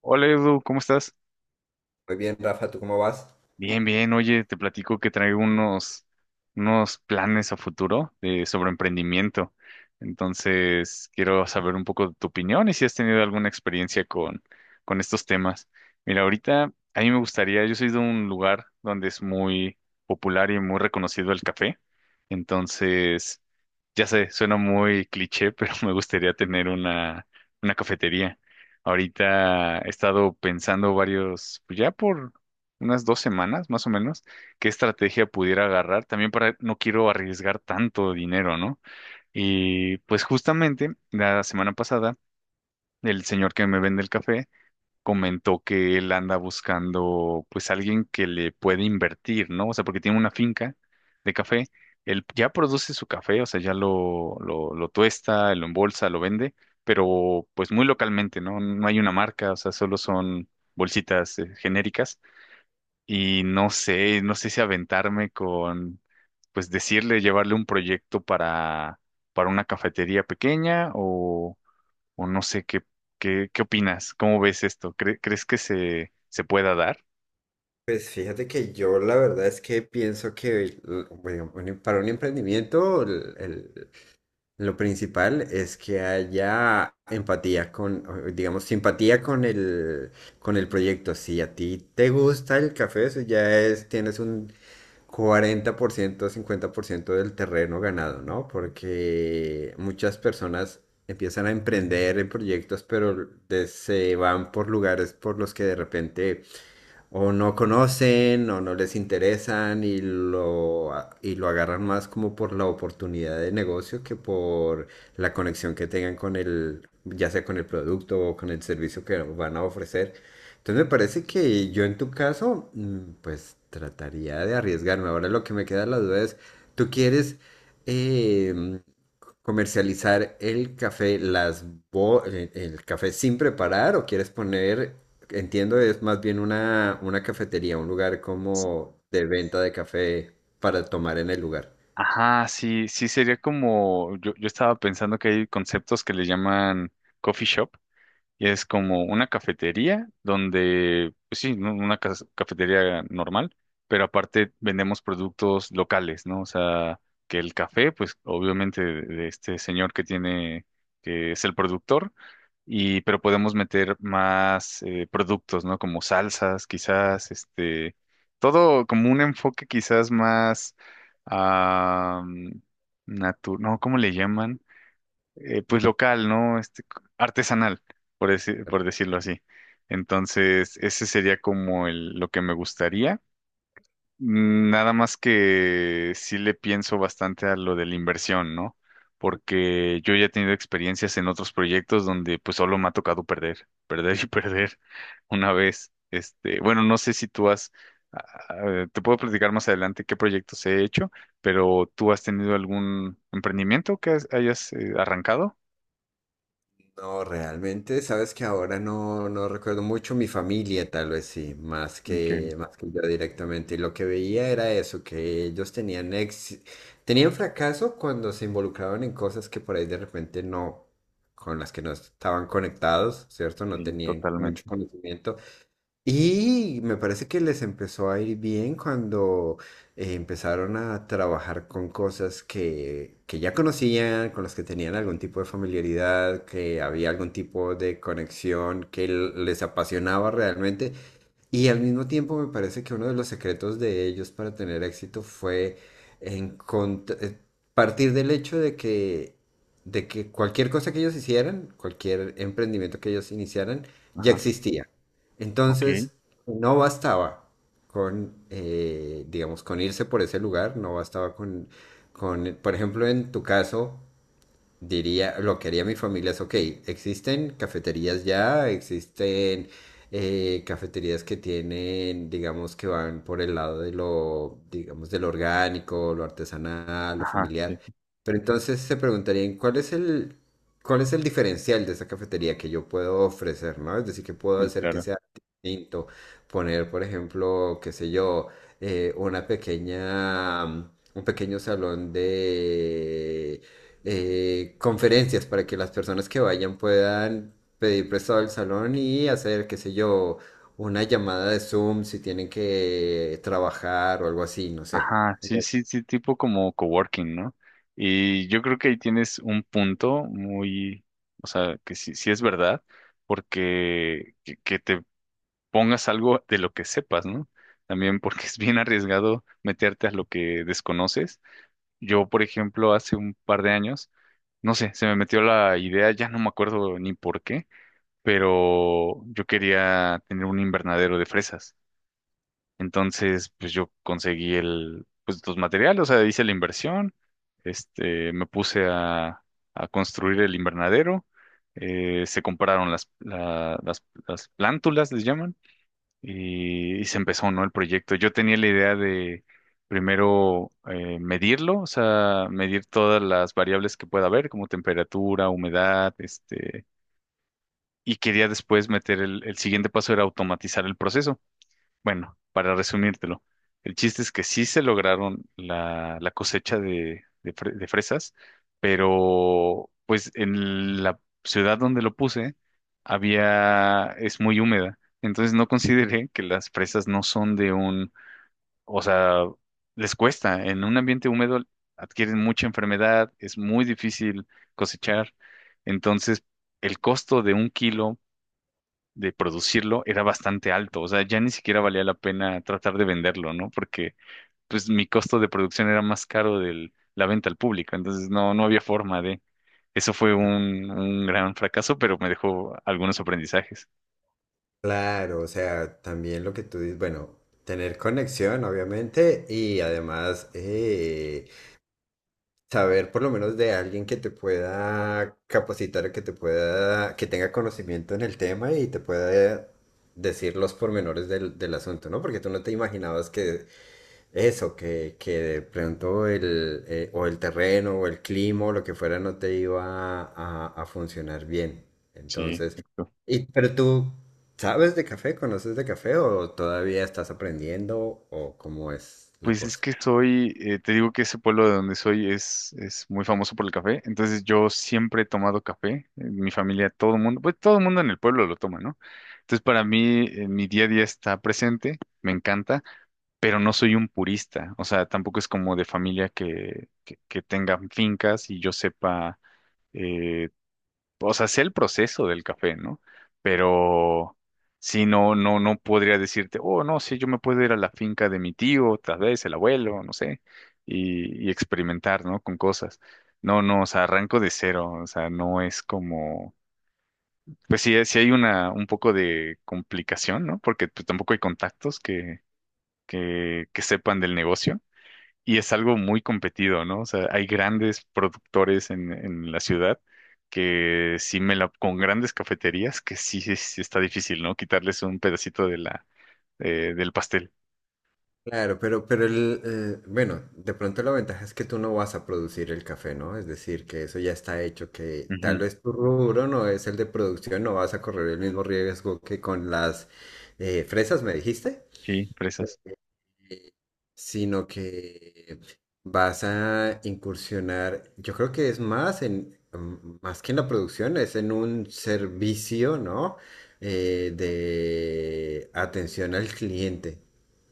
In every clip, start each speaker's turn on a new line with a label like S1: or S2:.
S1: Hola Edu, ¿cómo estás?
S2: Muy bien, Rafa, ¿tú cómo vas?
S1: Bien, bien. Oye, te platico que traigo unos planes a futuro sobre emprendimiento. Entonces, quiero saber un poco de tu opinión y si has tenido alguna experiencia con estos temas. Mira, ahorita a mí me gustaría, yo soy de un lugar donde es muy popular y muy reconocido el café. Entonces, ya sé, suena muy cliché, pero me gustaría tener una cafetería. Ahorita he estado pensando varios, pues ya por unas 2 semanas más o menos, qué estrategia pudiera agarrar, también para no quiero arriesgar tanto dinero, ¿no? Y pues justamente la semana pasada, el señor que me vende el café comentó que él anda buscando pues alguien que le puede invertir, ¿no? O sea, porque tiene una finca de café, él ya produce su café, o sea, ya lo tuesta, lo embolsa, lo vende, pero pues muy localmente, ¿no? No hay una marca, o sea, solo son bolsitas genéricas y no sé si aventarme pues decirle, llevarle un proyecto para una cafetería pequeña o no sé qué opinas, cómo ves esto. ¿Crees que se pueda dar?
S2: Pues fíjate que yo la verdad es que pienso que para un emprendimiento lo principal es que haya empatía, digamos, simpatía con con el proyecto. Si a ti te gusta el café, eso ya es, tienes un 40% 50% del terreno ganado, ¿no? Porque muchas personas empiezan a emprender en proyectos, pero se van por lugares por los que de repente o no conocen o no les interesan y y lo agarran más como por la oportunidad de negocio que por la conexión que tengan con el, ya sea con el producto o con el servicio que van a ofrecer. Entonces me parece que yo en tu caso, pues trataría de arriesgarme. Ahora lo que me queda la duda es, ¿tú quieres... em, comercializar el café, el café sin preparar, o quieres poner, entiendo, es más bien una cafetería, un lugar como de venta de café para tomar en el lugar.
S1: Ajá, sí sería como, yo estaba pensando que hay conceptos que le llaman coffee shop. Y es como una cafetería donde, pues sí, ¿no?, una cafetería normal, pero aparte vendemos productos locales, ¿no? O sea, que el café, pues obviamente de este señor que tiene, que es el productor, y pero podemos meter más productos, ¿no? Como salsas, quizás, este, todo como un enfoque quizás más, ah, no, ¿cómo le llaman? Pues local, ¿no? Este, artesanal, por decirlo así. Entonces, ese sería como lo que me gustaría. Nada más que sí le pienso bastante a lo de la inversión, ¿no? Porque yo ya he tenido experiencias en otros proyectos donde pues solo me ha tocado perder, perder y perder una vez. Este, bueno, no sé si tú has, ah, te puedo platicar más adelante qué proyectos he hecho, pero ¿tú has tenido algún emprendimiento que hayas arrancado?
S2: No, realmente, sabes que ahora no recuerdo mucho mi familia, tal vez sí, más
S1: Ok,
S2: que, más que yo directamente. Y lo que veía era eso, que ellos tenían fracaso cuando se involucraban en cosas que por ahí de repente no, con las que no estaban conectados, ¿cierto? No
S1: sí,
S2: tenían
S1: totalmente.
S2: mucho conocimiento. Y me parece que les empezó a ir bien cuando empezaron a trabajar con cosas que ya conocían, con las que tenían algún tipo de familiaridad, que había algún tipo de conexión que les apasionaba realmente. Y al mismo tiempo me parece que uno de los secretos de ellos para tener éxito fue encont- eh, partir del hecho de que, cualquier cosa que ellos hicieran, cualquier emprendimiento que ellos iniciaran, ya
S1: Ajá.
S2: existía.
S1: Ok.
S2: Entonces, no bastaba digamos, con irse por ese lugar, no bastaba por ejemplo, en tu caso, diría, lo que haría mi familia es: ok, existen cafeterías ya, existen cafeterías que tienen, digamos, que van por el lado de lo, digamos, de lo orgánico, lo artesanal, lo
S1: Ajá, sí,
S2: familiar. Pero entonces se preguntarían: ¿cuál es el diferencial de esa cafetería que yo puedo ofrecer? ¿No? Es decir, que puedo
S1: sí,
S2: hacer que
S1: claro.
S2: sea distinto? Poner, por ejemplo, qué sé yo, una un pequeño salón de conferencias, para que las personas que vayan puedan pedir prestado el salón y hacer, qué sé yo, una llamada de Zoom si tienen que trabajar o algo así, no sé.
S1: Ajá, sí,
S2: Ujú.
S1: sí, sí, tipo como coworking, ¿no? Y yo creo que ahí tienes un punto muy, o sea, que sí es verdad, porque que te pongas algo de lo que sepas, ¿no? También porque es bien arriesgado meterte a lo que desconoces. Yo, por ejemplo, hace un par de años, no sé, se me metió la idea, ya no me acuerdo ni por qué, pero yo quería tener un invernadero de fresas. Entonces, pues yo conseguí pues los materiales, o sea, hice la inversión, este, me puse a construir el invernadero, se compraron las plántulas, les llaman, y se empezó, ¿no? El proyecto. Yo tenía la idea de primero medirlo, o sea, medir todas las variables que pueda haber, como temperatura, humedad, este, y quería después meter el siguiente paso era automatizar el proceso. Bueno, para resumírtelo, el chiste es que sí se lograron la cosecha de fresas, pero pues en la ciudad donde lo puse es muy húmeda, entonces no consideré que las fresas no son o sea, les cuesta, en un ambiente húmedo adquieren mucha enfermedad, es muy difícil cosechar, entonces el costo de un kilo de producirlo era bastante alto, o sea, ya ni siquiera valía la pena tratar de venderlo, ¿no? Porque pues mi costo de producción era más caro de la venta al público, entonces no había forma de... Eso fue un gran fracaso, pero me dejó algunos aprendizajes.
S2: Claro, o sea, también lo que tú dices, bueno, tener conexión, obviamente, y además saber por lo menos de alguien que te pueda capacitar, que te pueda, que tenga conocimiento en el tema y te pueda decir los pormenores del asunto, ¿no? Porque tú no te imaginabas que de pronto o el terreno o el clima o lo que fuera no te iba a funcionar bien.
S1: Sí,
S2: Entonces,
S1: exacto.
S2: y, pero tú, ¿sabes de café? ¿Conoces de café o todavía estás aprendiendo o cómo es la
S1: Pues es
S2: cosa?
S1: que te digo que ese pueblo de donde soy es muy famoso por el café, entonces yo siempre he tomado café, en mi familia, todo el mundo, pues todo el mundo en el pueblo lo toma, ¿no? Entonces para mí, mi día a día está presente, me encanta. Pero no soy un purista, o sea, tampoco es como de familia que tengan fincas y yo sepa, eh, o sea, sé el proceso del café, ¿no? Pero sí, no podría decirte, oh, no, sí, yo me puedo ir a la finca de mi tío, tal vez el abuelo, no sé, y experimentar, ¿no? Con cosas. No, no, o sea, arranco de cero, o sea, no es como... Pues sí hay un poco de complicación, ¿no? Porque pues, tampoco hay contactos que sepan del negocio. Y es algo muy competido, ¿no? O sea, hay grandes productores en la ciudad que sí me la, con grandes cafeterías que sí está difícil, ¿no? Quitarles un pedacito del pastel.
S2: Claro, pero bueno, de pronto la ventaja es que tú no vas a producir el café, ¿no? Es decir, que eso ya está hecho, que tal
S1: Ujú.
S2: vez tu rubro no es el de producción, no vas a correr el mismo riesgo que con las fresas, me dijiste.
S1: Sí, fresas.
S2: Sino que vas a incursionar, yo creo que es más más que en la producción, es en un servicio, ¿no? De atención al cliente,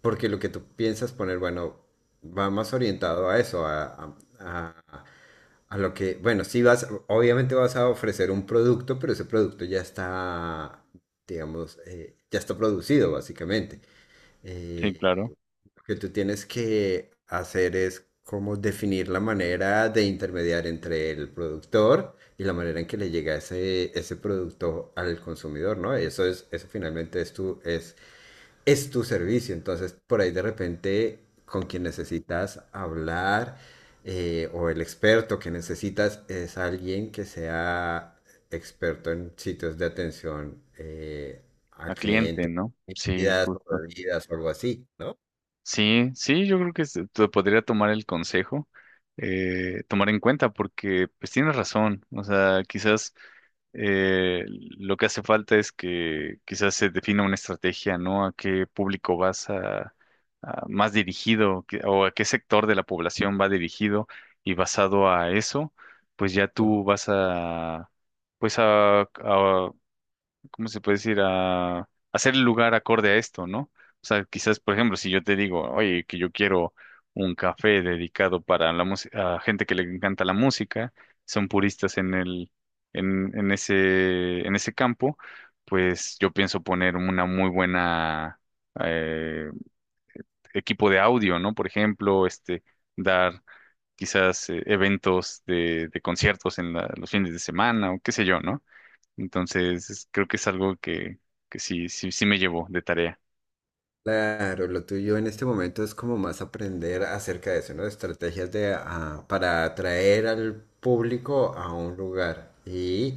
S2: porque lo que tú piensas poner, bueno, va más orientado a eso, a lo que, bueno, sí vas, obviamente vas a ofrecer un producto, pero ese producto ya está, digamos, ya está producido, básicamente.
S1: Sí, claro.
S2: Eh, lo que tú tienes que hacer es como definir la manera de intermediar entre el productor y la manera en que le llega ese producto al consumidor, ¿no? Eso es, eso finalmente es tu servicio. Entonces, por ahí de repente, con quien necesitas hablar, o el experto que necesitas es alguien que sea experto en sitios de atención al
S1: A cliente,
S2: cliente,
S1: ¿no? Sí,
S2: comidas o
S1: justo.
S2: bebidas o algo así, ¿no?
S1: Sí, sí, yo creo que te podría tomar el consejo, tomar en cuenta, porque pues tienes razón. O sea, quizás lo que hace falta es que quizás se defina una estrategia, ¿no? A qué público vas más dirigido o a qué sector de la población va dirigido y basado a eso, pues ya tú vas a, pues ¿cómo se puede decir? A hacer el lugar acorde a esto, ¿no? O sea, quizás, por ejemplo, si yo te digo, oye, que yo quiero un café dedicado para la música, a gente que le encanta la música, son puristas en el, en ese campo, pues yo pienso poner una muy buena eh, equipo de audio, ¿no? Por ejemplo, este, dar quizás eventos de conciertos los fines de semana o qué sé yo, ¿no? Entonces, creo que es algo que sí me llevó de tarea.
S2: Claro, lo tuyo en este momento es como más aprender acerca de eso, ¿no? Estrategias para atraer al público a un lugar. Y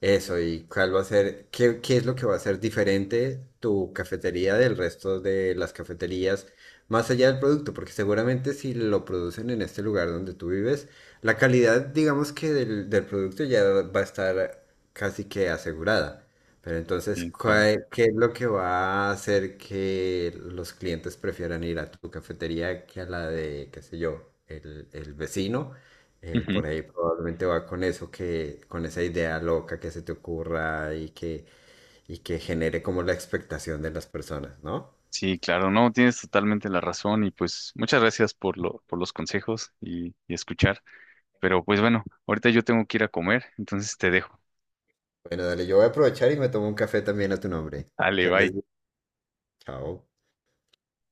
S2: eso, y cuál va a ser, qué es lo que va a ser diferente tu cafetería del resto de las cafeterías, más allá del producto, porque seguramente si lo producen en este lugar donde tú vives, la calidad, digamos que del producto ya va a estar casi que asegurada. Pero entonces,
S1: Sí, claro.
S2: ¿qué es lo que va a hacer que los clientes prefieran ir a tu cafetería que a la de, qué sé yo, el vecino?
S1: Ujú.
S2: Por ahí probablemente va con eso, que, con esa idea loca que se te ocurra y que genere como la expectación de las personas, ¿no?
S1: Sí, claro, no, tienes totalmente la razón y pues muchas gracias por los consejos y escuchar. Pero pues bueno, ahorita yo tengo que ir a comer, entonces te dejo.
S2: Bueno, dale, yo voy a aprovechar y me tomo un café también a tu nombre.
S1: Dale,
S2: Que andes
S1: bye.
S2: bien. Chao.